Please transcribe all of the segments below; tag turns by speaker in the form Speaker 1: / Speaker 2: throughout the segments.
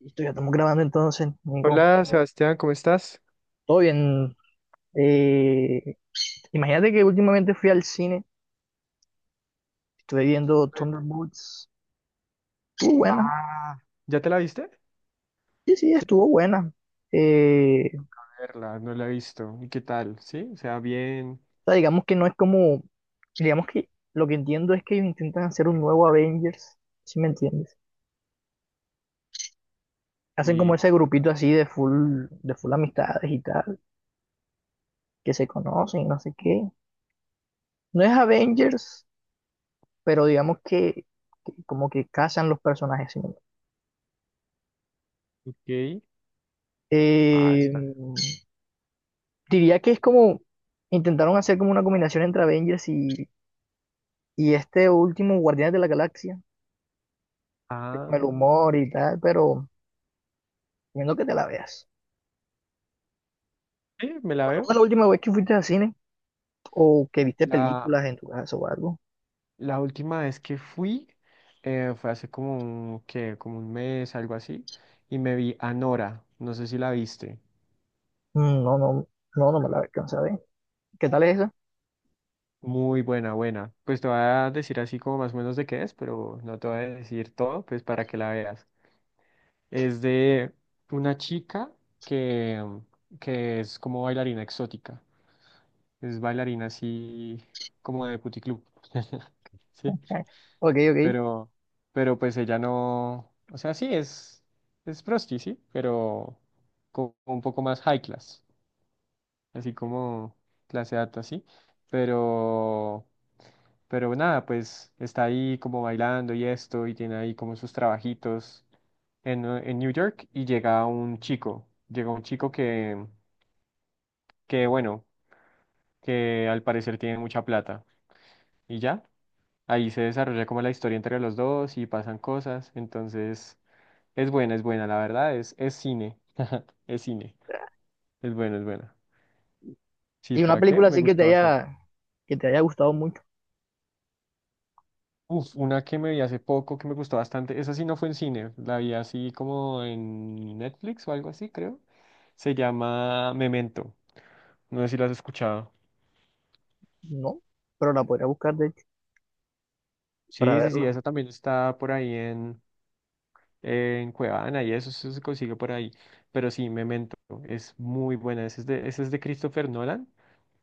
Speaker 1: Listo, ya estamos grabando entonces, Nico.
Speaker 2: Hola Sebastián, ¿cómo estás?
Speaker 1: Todo bien. Eh, Imagínate que últimamente fui al cine, estuve viendo Thunderbolts. Estuvo buena.
Speaker 2: Ah, ¿ya te la viste?
Speaker 1: Sí, sí,
Speaker 2: Sí,
Speaker 1: estuvo buena. Eh,
Speaker 2: verla, no la he visto. ¿Y qué tal? ¿Sí? O sea, bien.
Speaker 1: o sea, digamos que no es digamos que lo que entiendo es que ellos intentan hacer un nuevo Avengers, si me entiendes. Hacen como
Speaker 2: Y,
Speaker 1: ese grupito así de full amistades y tal, que se conocen, y no sé qué. No es Avengers, pero digamos que como que casan los personajes, ¿sí?
Speaker 2: ok. Ah,
Speaker 1: Eh,
Speaker 2: está.
Speaker 1: Diría que es como intentaron hacer como una combinación entre Avengers y este último Guardianes de la Galaxia, que con el
Speaker 2: Ah,
Speaker 1: humor y tal, pero viendo que te la veas.
Speaker 2: sí, me la
Speaker 1: ¿Cuándo fue
Speaker 2: veo.
Speaker 1: la última vez que fuiste al cine o que viste
Speaker 2: La,
Speaker 1: películas en tu casa o algo?
Speaker 2: la última vez que fui fue hace como un, ¿qué? Como un mes, algo así. Y me vi Anora. No sé si la viste.
Speaker 1: Mm, no, no, no, no me la alcanza a ver. ¿Qué tal es esa?
Speaker 2: Muy buena, buena. Pues te voy a decir así como más o menos de qué es, pero no te voy a decir todo, pues para que la veas. Es de una chica que, que es como bailarina exótica. Es bailarina así como de puticlub. Sí,
Speaker 1: Eh, Ok, ok.
Speaker 2: pero, pero pues ella no. O sea, sí, es, prosti, sí, pero como un poco más high class. Así como clase alta, sí. Pero. Pero nada, pues está ahí como bailando y esto, y tiene ahí como sus trabajitos en New York y llega un chico bueno, que al parecer tiene mucha plata. Y ya, ahí se desarrolla como la historia entre los dos y pasan cosas. Entonces, es buena, la verdad, es cine, es cine, es buena, es buena. Sí,
Speaker 1: Y una
Speaker 2: ¿para qué?
Speaker 1: película
Speaker 2: Me
Speaker 1: así
Speaker 2: gustó bastante.
Speaker 1: que te haya gustado mucho,
Speaker 2: Uf, una que me vi hace poco que me gustó bastante, esa sí no fue en cine, la vi así como en Netflix o algo así, creo. Se llama Memento, no sé si la has escuchado.
Speaker 1: no, pero la podría buscar de hecho para
Speaker 2: Sí, sí, sí,
Speaker 1: verla.
Speaker 2: eso también está por ahí en Cuevana y eso, se consigue por ahí. Pero sí, Memento es muy buena. Ese es de Christopher Nolan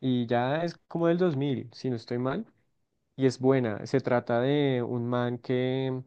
Speaker 2: y ya es como del 2000, si no estoy mal. Y es buena. Se trata de un man que,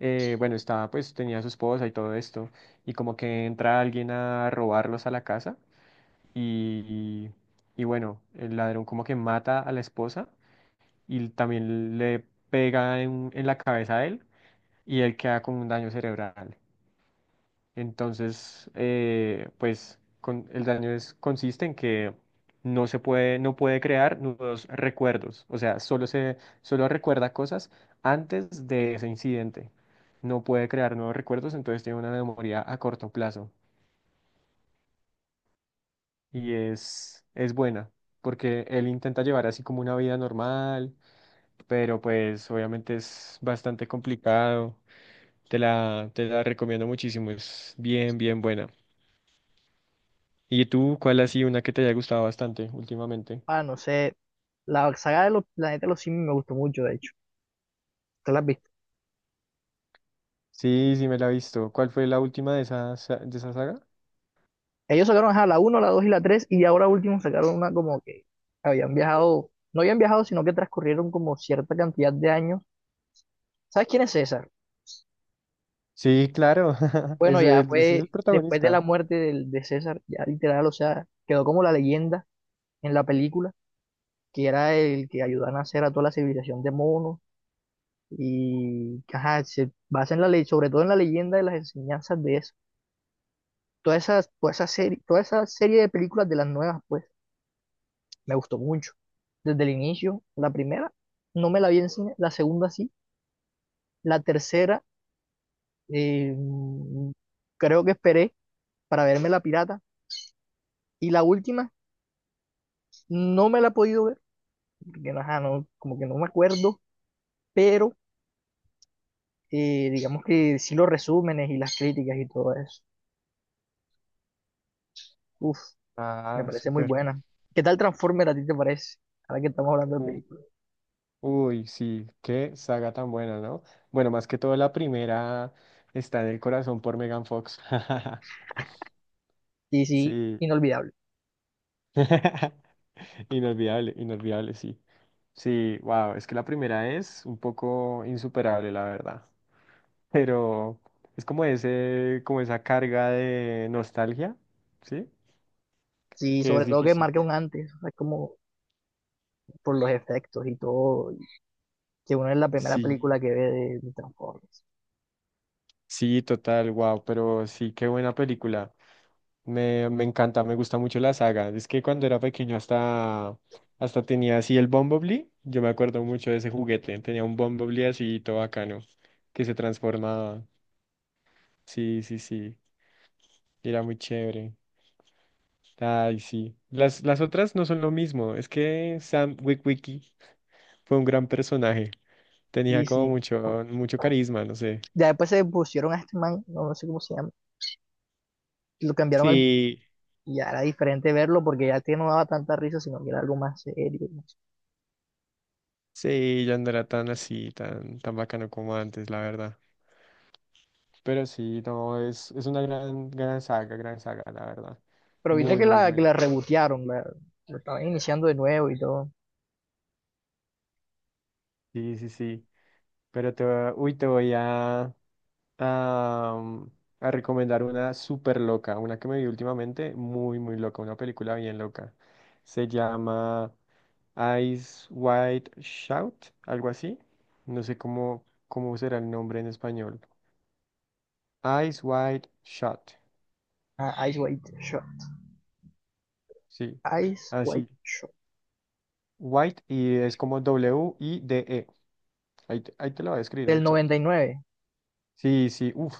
Speaker 2: bueno, estaba, pues tenía a su esposa y todo esto. Y como que entra alguien a robarlos a la casa y, y, bueno, el ladrón como que mata a la esposa y también le pega en la cabeza a él y él queda con un daño cerebral. Entonces, pues el daño consiste en que no puede crear nuevos recuerdos, o sea, solo recuerda cosas antes de ese incidente. No puede crear nuevos recuerdos, entonces tiene una memoria a corto plazo y es buena. Porque él intenta llevar así como una vida normal, pero pues obviamente es bastante complicado. Te la recomiendo muchísimo, es bien, bien buena. ¿Y tú cuál ha sido una que te haya gustado bastante últimamente?
Speaker 1: Ah, no sé, la saga de los planetas de los simios me gustó mucho de hecho. ¿Te la has visto?
Speaker 2: Sí, sí me la he visto. ¿Cuál fue la última de esa saga?
Speaker 1: Ellos sacaron, ajá, la uno, la 2 y la tres, y ahora último sacaron una como que habían viajado, no habían viajado, sino que transcurrieron como cierta cantidad de años. ¿Sabes quién es César?
Speaker 2: Sí, claro.
Speaker 1: Bueno,
Speaker 2: Ese,
Speaker 1: ya
Speaker 2: ese es el
Speaker 1: fue después de la
Speaker 2: protagonista.
Speaker 1: muerte del- de César, ya literal, o sea, quedó como la leyenda en la película, que era el que ayudó a nacer a toda la civilización de monos y que, ajá, se basa en la ley, sobre todo en la leyenda de las enseñanzas de eso. Toda esa, toda esa serie de películas de las nuevas, pues, me gustó mucho. Desde el inicio, la primera, no me la vi en cine, la segunda sí, la tercera, eh, creo que esperé para verme La Pirata, y la última, no me la he podido ver, porque no, ajá, no, como que no me acuerdo, pero digamos que sí, los resúmenes y las críticas y todo eso, uf, me
Speaker 2: Ah,
Speaker 1: parece muy
Speaker 2: súper.
Speaker 1: buena. ¿Qué tal Transformer a ti te parece? Ahora que estamos hablando de
Speaker 2: U-
Speaker 1: películas.
Speaker 2: Uy, sí, qué saga tan buena, ¿no? Bueno, más que todo la primera está en el corazón por Megan Fox.
Speaker 1: Sí, sí,
Speaker 2: Sí.
Speaker 1: inolvidable.
Speaker 2: Inolvidable, inolvidable, sí. Sí, wow, es que la primera es un poco insuperable, la verdad. Pero es como ese, como esa carga de nostalgia, ¿sí?
Speaker 1: Sí,
Speaker 2: Que es
Speaker 1: sobre todo que
Speaker 2: difícil.
Speaker 1: marca un antes, o sea, como por los efectos y todo, que uno es la primera
Speaker 2: Sí,
Speaker 1: película que ve de Transformers.
Speaker 2: sí, total, wow, pero sí, qué buena película. Me encanta, me gusta mucho la saga. Es que cuando era pequeño hasta tenía así el Bumblebee. Yo me acuerdo mucho de ese juguete. Tenía un Bumblebee así todo bacano, que se transformaba. Sí, sí, sí. Era muy chévere. Ay, sí. Las otras no son lo mismo. Es que Sam Witwicky fue un gran personaje. Tenía
Speaker 1: Sí,
Speaker 2: como
Speaker 1: sí.
Speaker 2: mucho, mucho carisma, no sé.
Speaker 1: Ya después se pusieron a este man, no, no sé cómo se llama, lo cambiaron al...
Speaker 2: Sí,
Speaker 1: y era diferente verlo porque ya este no daba tanta risa, sino que era algo más serio, no sé.
Speaker 2: sí, ya no era tan así, tan bacano como antes, la verdad. Pero sí, no, es una gran, gran saga, la verdad.
Speaker 1: Pero viste
Speaker 2: Muy,
Speaker 1: que
Speaker 2: muy
Speaker 1: la
Speaker 2: buena.
Speaker 1: rebotearon, la, lo estaban iniciando de nuevo y todo.
Speaker 2: Sí, sí, sí. Pero uy, te voy a, a recomendar una súper loca, una que me vi últimamente, muy, muy loca, una película bien loca. Se llama Eyes Wide Shout, algo así. No sé cómo, cómo será el nombre en español. Eyes Wide Shut,
Speaker 1: Ah, Ice White Shot.
Speaker 2: sí,
Speaker 1: Ice White
Speaker 2: así.
Speaker 1: Shot.
Speaker 2: White y es como W-I-D-E. Ahí, ahí te lo voy a escribir
Speaker 1: Del
Speaker 2: en chat.
Speaker 1: 99.
Speaker 2: Sí, sí, uff,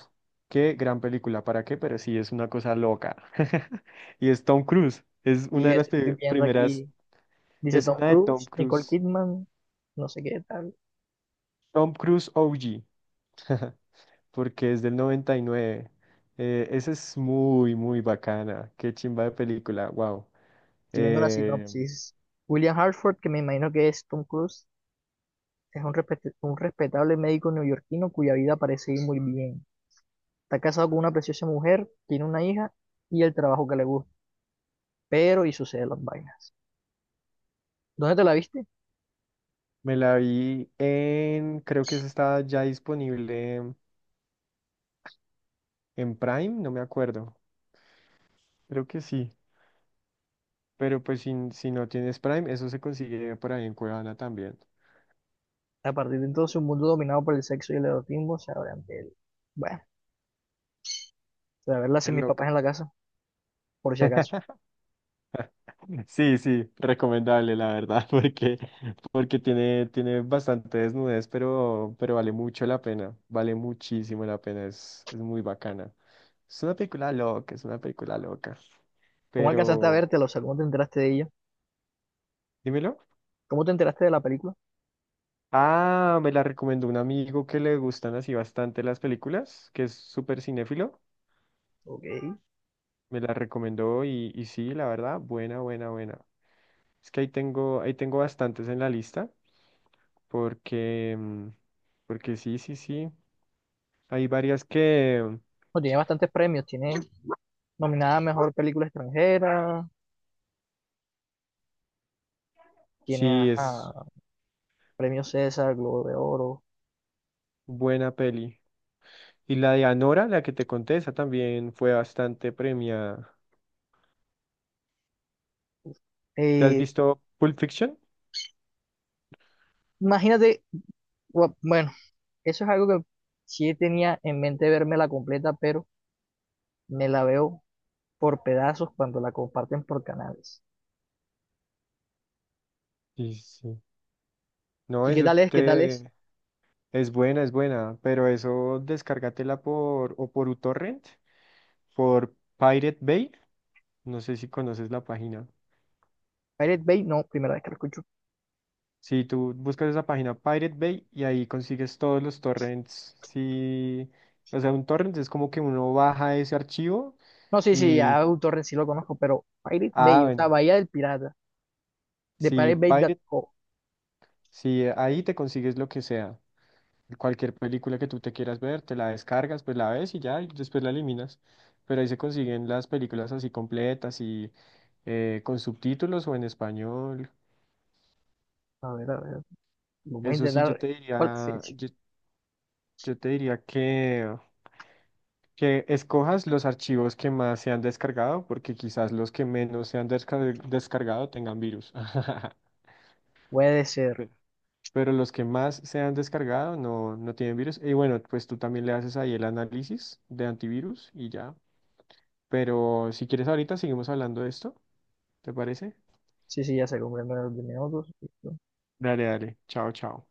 Speaker 2: qué gran película, ¿para qué? Pero sí, es una cosa loca. Y es Tom Cruise, es
Speaker 1: Y nueve.
Speaker 2: una
Speaker 1: Y
Speaker 2: de las
Speaker 1: este estoy
Speaker 2: pe-
Speaker 1: viendo
Speaker 2: primeras,
Speaker 1: aquí, dice
Speaker 2: es
Speaker 1: Tom
Speaker 2: una de Tom
Speaker 1: Cruise, Nicole
Speaker 2: Cruise,
Speaker 1: Kidman, no sé qué tal.
Speaker 2: Tom Cruise OG, porque es del 99. Esa es muy, muy bacana, qué chimba de película, wow.
Speaker 1: Estoy viendo la
Speaker 2: Eh,
Speaker 1: sinopsis. William Hartford, que me imagino que es Tom Cruise, es un, respet- un respetable médico neoyorquino cuya vida parece ir muy bien. Está casado con una preciosa mujer, tiene una hija y el trabajo que le gusta. Pero y suceden las vainas. ¿Dónde te la viste?
Speaker 2: me la vi en, creo que esa estaba ya disponible en Prime, no me acuerdo, creo que sí, pero pues si no tienes Prime, eso se consigue por ahí en Cuevana también.
Speaker 1: A partir de entonces, un mundo dominado por el sexo y el erotismo se abre ante él. Bueno, voy a verla
Speaker 2: Es
Speaker 1: sin mis papás
Speaker 2: loca.
Speaker 1: en la casa, por si acaso.
Speaker 2: Sí, sí, recomendable, la verdad, porque tiene bastante desnudez, pero, vale mucho la pena, vale muchísimo la pena, es muy bacana. Es una película loca, es una película loca,
Speaker 1: ¿Cómo alcanzaste a
Speaker 2: pero,
Speaker 1: vértela? O sea, ¿cómo te enteraste de ella?
Speaker 2: dímelo.
Speaker 1: ¿Cómo te enteraste de la película?
Speaker 2: Ah, me la recomendó un amigo que le gustan así bastante las películas, que es súper cinéfilo,
Speaker 1: Ok. Bueno,
Speaker 2: me la recomendó y sí, la verdad, buena, buena, buena. Es que ahí tengo bastantes en la lista. Porque, porque sí, sí, sí. Hay varias que
Speaker 1: tiene bastantes premios. Tiene nominada a Mejor Película Extranjera, tiene
Speaker 2: sí es
Speaker 1: a Premio César, Globo de Oro.
Speaker 2: buena peli. Y la de Anora, la que te conté, esa también fue bastante premiada. ¿Te has
Speaker 1: Eh,
Speaker 2: visto Pulp Fiction?
Speaker 1: Imagínate bu- bueno, eso es algo que sí tenía en mente verme la completa, pero me la veo por pedazos cuando la comparten por canales.
Speaker 2: Sí, sí. No,
Speaker 1: ¿Y qué
Speaker 2: eso
Speaker 1: tal es? ¿Qué tal es?
Speaker 2: te es buena, pero eso descárgatela por o por uTorrent, por Pirate Bay. No sé si conoces la página.
Speaker 1: Pirate Bay, no, primera vez que lo escucho.
Speaker 2: Si tú buscas esa página Pirate Bay y ahí consigues todos los torrents. Sí, o sea, un torrent es como que uno baja ese archivo
Speaker 1: No, sí, sí,
Speaker 2: y,
Speaker 1: a torrent sí lo conozco, pero Pirate
Speaker 2: ah,
Speaker 1: Bay, o sea,
Speaker 2: bueno,
Speaker 1: Bahía del Pirata, de pirate
Speaker 2: si
Speaker 1: bay
Speaker 2: Pirate,
Speaker 1: piratebay.co.
Speaker 2: si ahí te consigues lo que sea, cualquier película que tú te quieras ver, te la descargas, pues la ves y ya, y después la eliminas. Pero ahí se consiguen las películas así completas y con subtítulos o en español.
Speaker 1: A ver, vamos a
Speaker 2: Eso sí, yo
Speaker 1: intentar.
Speaker 2: te
Speaker 1: ¿Cuál
Speaker 2: diría,
Speaker 1: fecha?
Speaker 2: yo te diría que escojas los archivos que más se han descargado, porque quizás los que menos se han descargado tengan virus.
Speaker 1: Puede ser.
Speaker 2: Pe- Pero los que más se han descargado no, tienen virus. Y bueno, pues tú también le haces ahí el análisis de antivirus y ya. Pero si quieres ahorita seguimos hablando de esto, ¿te parece?
Speaker 1: Sí, sí, ya se cumplieron los 10 minutos.
Speaker 2: Dale, dale. Chao, chao.